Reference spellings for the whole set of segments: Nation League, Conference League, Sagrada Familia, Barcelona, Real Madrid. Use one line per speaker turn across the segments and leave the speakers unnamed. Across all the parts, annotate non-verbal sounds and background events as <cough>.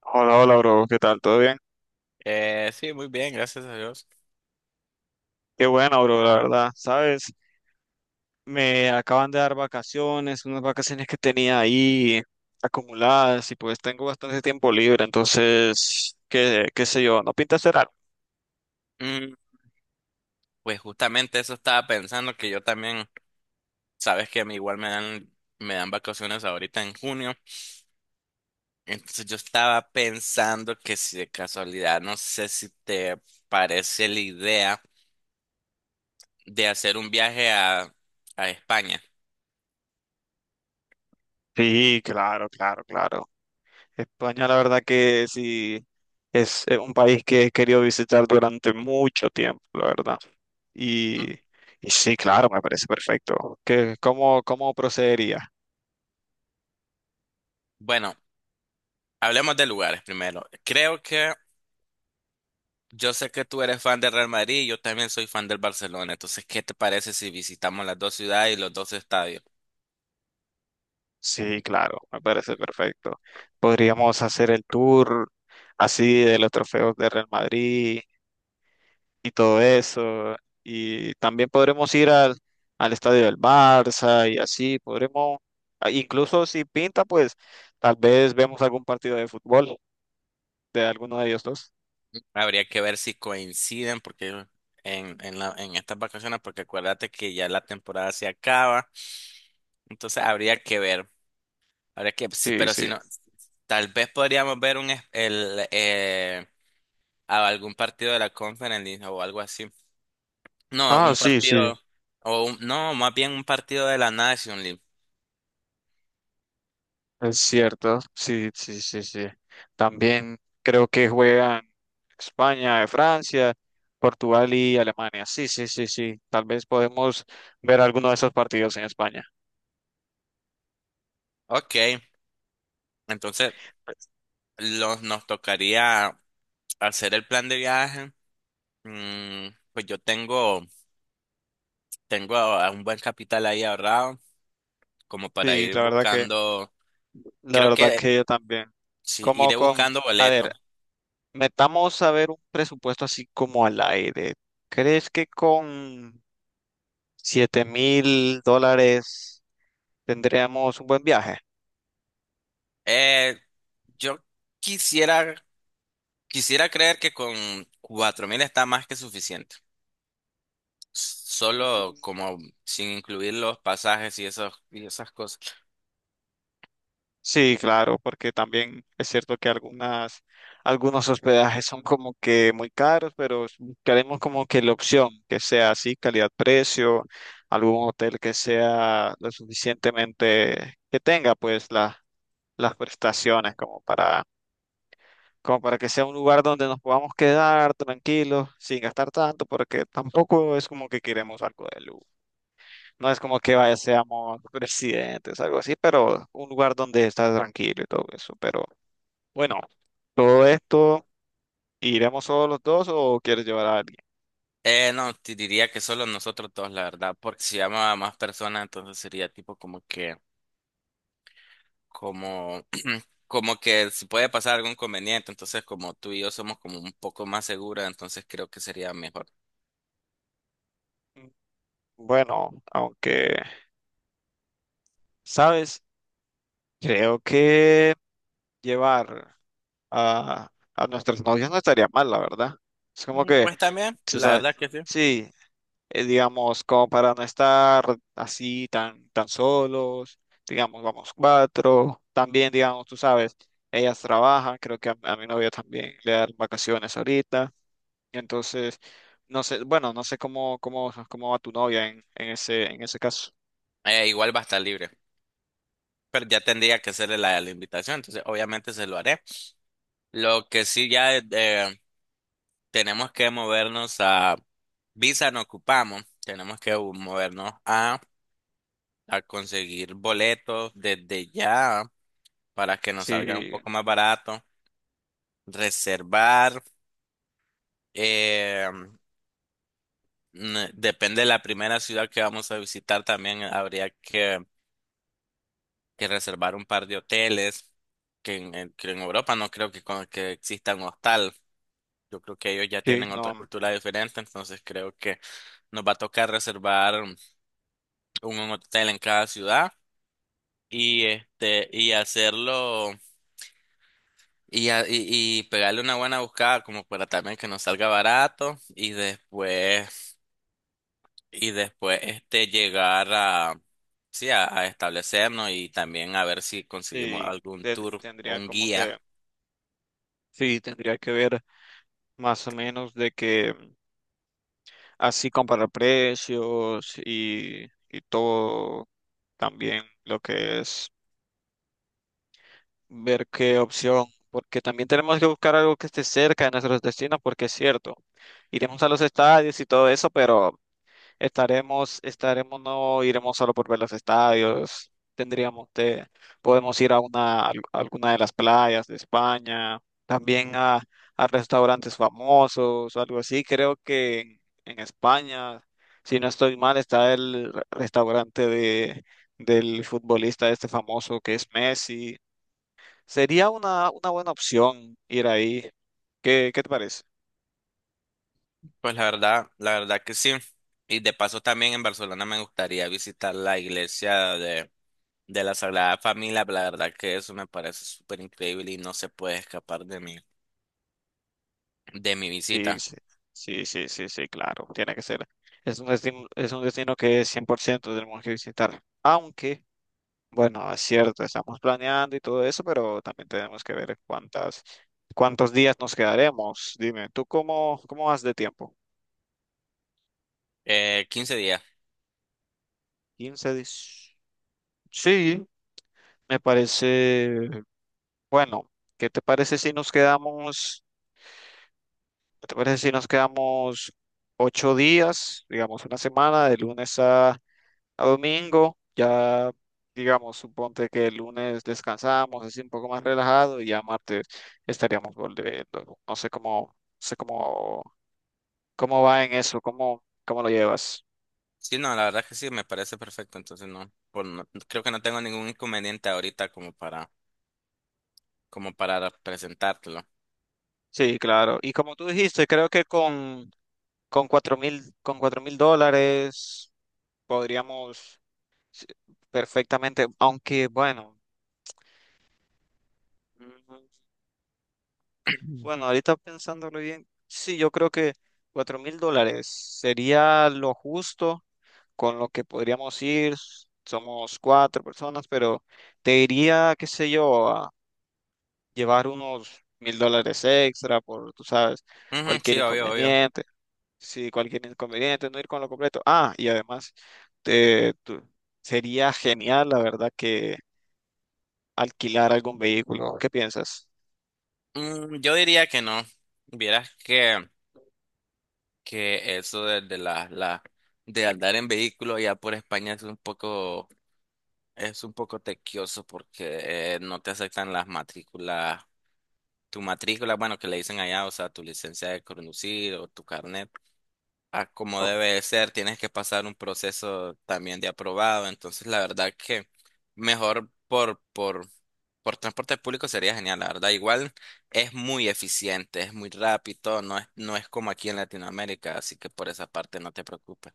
Hola, hola, bro. ¿Qué tal? ¿Todo bien?
Sí, muy bien, gracias a Dios.
Qué bueno, bro, la verdad. ¿Sabes? Me acaban de dar vacaciones, unas vacaciones que tenía ahí acumuladas y pues tengo bastante tiempo libre, entonces, qué sé yo, ¿no pinta hacer algo?
Mm, pues justamente eso estaba pensando que yo también. Sabes que a mí igual me dan vacaciones ahorita en junio. Entonces yo estaba pensando que si de casualidad, no sé si te parece la idea de hacer un viaje a España.
Sí, claro, claro, claro. España, la verdad que sí, es un país que he querido visitar durante mucho tiempo, la verdad. Y,
¿No?
y sí, claro, me parece perfecto. ¿Qué, cómo procedería?
Bueno, hablemos de lugares primero. Creo que yo sé que tú eres fan del Real Madrid y yo también soy fan del Barcelona. Entonces, ¿qué te parece si visitamos las dos ciudades y los dos estadios?
Sí, claro, me parece perfecto. Podríamos hacer el tour así de los trofeos de Real Madrid y todo eso. Y también podremos ir al estadio del Barça y así. Podremos, ah, incluso si pinta, pues tal vez vemos algún partido de fútbol de alguno de ellos dos.
Habría que ver si coinciden porque en estas vacaciones, porque acuérdate que ya la temporada se acaba, entonces habría que ver, habría que, sí,
Sí,
pero
sí.
si no, tal vez podríamos ver a algún partido de la Conference League o algo así. No,
Ah,
un
sí, sí.
partido, no, más bien un partido de la Nation League.
Es cierto, sí, sí, sí, sí. También creo que juegan España, Francia, Portugal y Alemania. Sí, sí, sí, sí. Tal vez podemos ver alguno de esos partidos en España.
Ok, entonces nos tocaría hacer el plan de viaje. Mm, pues yo tengo, tengo a un buen capital ahí ahorrado, como para
Sí,
ir
la verdad que,
buscando.
la
Creo
verdad
que
que yo también.
sí,
Como
iré
con,
buscando
a
boletos.
ver, metamos a ver un presupuesto así como al aire. ¿Crees que con $7000 tendríamos un buen viaje?
Eh, yo quisiera, quisiera creer que con 4000 está más que suficiente. Solo como sin incluir los pasajes y esas cosas.
Sí, claro, porque también es cierto que algunas, algunos hospedajes son como que muy caros, pero queremos como que la opción que sea así, calidad-precio, algún hotel que sea lo suficientemente, que tenga pues las prestaciones como para, como para que sea un lugar donde nos podamos quedar tranquilos, sin gastar tanto, porque tampoco es como que queremos algo de lujo. No es como que vaya, seamos presidentes, algo así, pero un lugar donde estás tranquilo y todo eso, pero bueno, todo esto, ¿iremos solo los dos o quieres llevar a alguien?
No, te diría que solo nosotros dos, la verdad, porque si llamo a más personas, entonces sería tipo como que, como, <clears throat> como que si puede pasar algún inconveniente, entonces como tú y yo somos como un poco más seguras, entonces creo que sería mejor.
Mm, bueno, aunque, ¿sabes? Creo que llevar a nuestras novias no estaría mal, la verdad. Es como
Mm,
que,
Pues también,
tú
la
sabes,
verdad que sí.
sí, digamos, como para no estar así tan solos, digamos, vamos cuatro, también, digamos, tú sabes, ellas trabajan, creo que a mi novia también le dan vacaciones ahorita. Entonces, no sé, bueno, no sé cómo va tu novia en ese, en ese caso.
Igual va a estar libre, pero ya tendría que hacerle la invitación, entonces obviamente se lo haré. Lo que sí ya tenemos que movernos a... Visa no ocupamos, tenemos que movernos a conseguir boletos desde ya para que nos salga un
Sí,
poco más barato, reservar. eh, Depende de la primera ciudad que vamos a visitar, también habría que reservar un par de hoteles, que en Europa no creo que exista un hostal. Yo creo que ellos ya
sí,
tienen otra
no,
cultura diferente, entonces creo que nos va a tocar reservar un hotel en cada ciudad y este, y hacerlo, y pegarle una buena buscada como para también que nos salga barato, y después este llegar a, sí, a establecernos, y también a ver si conseguimos
sí,
algún tour o
tendría
un
como
guía.
que, sí, tendría que ver más o menos de que así comparar precios y todo también lo que es ver qué opción, porque también tenemos que buscar algo que esté cerca de nuestros destinos, porque es cierto, iremos a los estadios y todo eso, pero estaremos, no iremos solo por ver los estadios, tendríamos de, podemos ir a una, alguna de las playas de España, también a restaurantes famosos o algo así. Creo que en España, si no estoy mal, está el restaurante de, del futbolista este famoso que es Messi. Sería una buena opción ir ahí. ¿Qué, qué te parece?
Pues la verdad que sí. Y de paso también en Barcelona me gustaría visitar la iglesia de la Sagrada Familia. La verdad que eso me parece súper increíble y no se puede escapar de mi
Sí,
visita.
sí, sí, sí, sí, sí, claro, tiene que ser. Es un destino que 100% tenemos que visitar. Aunque, bueno, es cierto, estamos planeando y todo eso, pero también tenemos que ver cuántas, cuántos días nos quedaremos. Dime, ¿tú cómo, cómo vas de tiempo?
15 días.
15 días. Sí, me parece, bueno, ¿qué te parece si nos quedamos, qué te parece si nos quedamos ocho días, digamos una semana, de lunes a domingo, ya digamos, suponte que el lunes descansamos, así un poco más relajado y ya martes estaríamos volviendo. No sé cómo, no sé cómo, cómo, va en eso, cómo, cómo lo llevas.
Sí, no, la verdad que sí, me parece perfecto. Entonces no, por no- creo que no tengo ningún inconveniente ahorita como para, como para presentártelo.
Sí, claro. Y como tú dijiste, creo que con cuatro mil dólares podríamos sí, perfectamente, aunque bueno, mm,
<clears throat>
bueno, ahorita pensándolo bien, sí, yo creo que $4000 sería lo justo con lo que podríamos ir, somos cuatro personas, pero te diría, qué sé yo, a llevar unos $1000 extra por, tú sabes,
Ujú,
cualquier
sí, obvio, obvio.
inconveniente. Sí, cualquier inconveniente, no ir con lo completo. Ah, y además, te- tú- sería genial, la verdad, que alquilar algún vehículo. ¿Qué piensas?
Mm, yo diría que no. Vieras que eso de la, la de andar en vehículo allá por España es un poco, es un poco tequioso porque no te aceptan las matrículas, tu matrícula, bueno, que le dicen allá, o sea, tu licencia de conducir o tu carnet, a como
Oh,
debe de ser, tienes que pasar un proceso también de aprobado. Entonces, la verdad que mejor por transporte público sería genial, la verdad. Igual es muy eficiente, es muy rápido, no es como aquí en Latinoamérica, así que por esa parte no te preocupes.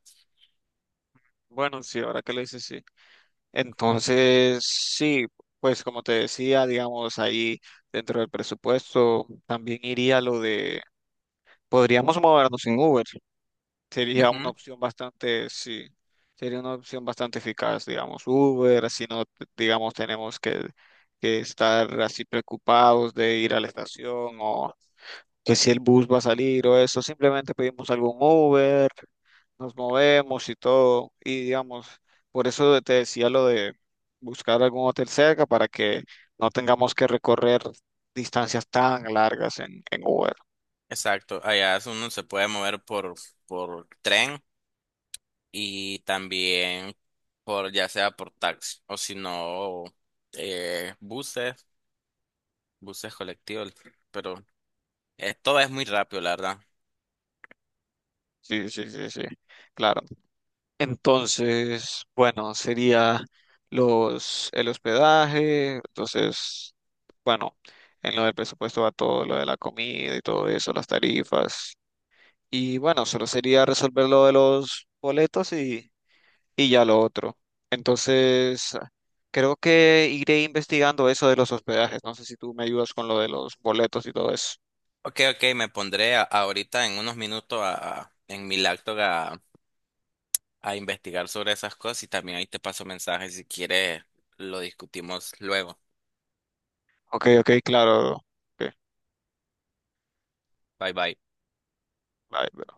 bueno, sí, ahora que lo dices, sí. Entonces, sí, pues como te decía, digamos, ahí dentro del presupuesto también iría lo de podríamos movernos en Uber. Sería una
Ujú.
opción bastante, sí, sería una opción bastante eficaz, digamos, Uber, así no, digamos, tenemos que estar así preocupados de ir a la estación o que si el bus va a salir o eso, simplemente pedimos algún Uber, nos movemos y todo, y digamos, por eso te decía lo de buscar algún hotel cerca para que no tengamos que recorrer distancias tan largas en Uber.
Exacto, allá es uno se puede mover por tren, y también por ya sea por taxi, o si no, buses, buses colectivos, pero eh, todo es muy rápido, la verdad.
Sí, sí, sí, sí, claro. Entonces, bueno, sería los, el hospedaje, entonces, bueno, en lo del presupuesto va todo lo de la comida y todo eso, las tarifas. Y bueno, solo sería resolver lo de los boletos y ya lo otro. Entonces, creo que iré investigando eso de los hospedajes. No sé si tú me ayudas con lo de los boletos y todo eso.
Ok, ok, me pondré ahorita en unos minutos en mi laptop a investigar sobre esas cosas, y también ahí te paso mensajes si quieres, lo discutimos luego.
Ok, ok, claro. Ok,
Bye bye.
bye,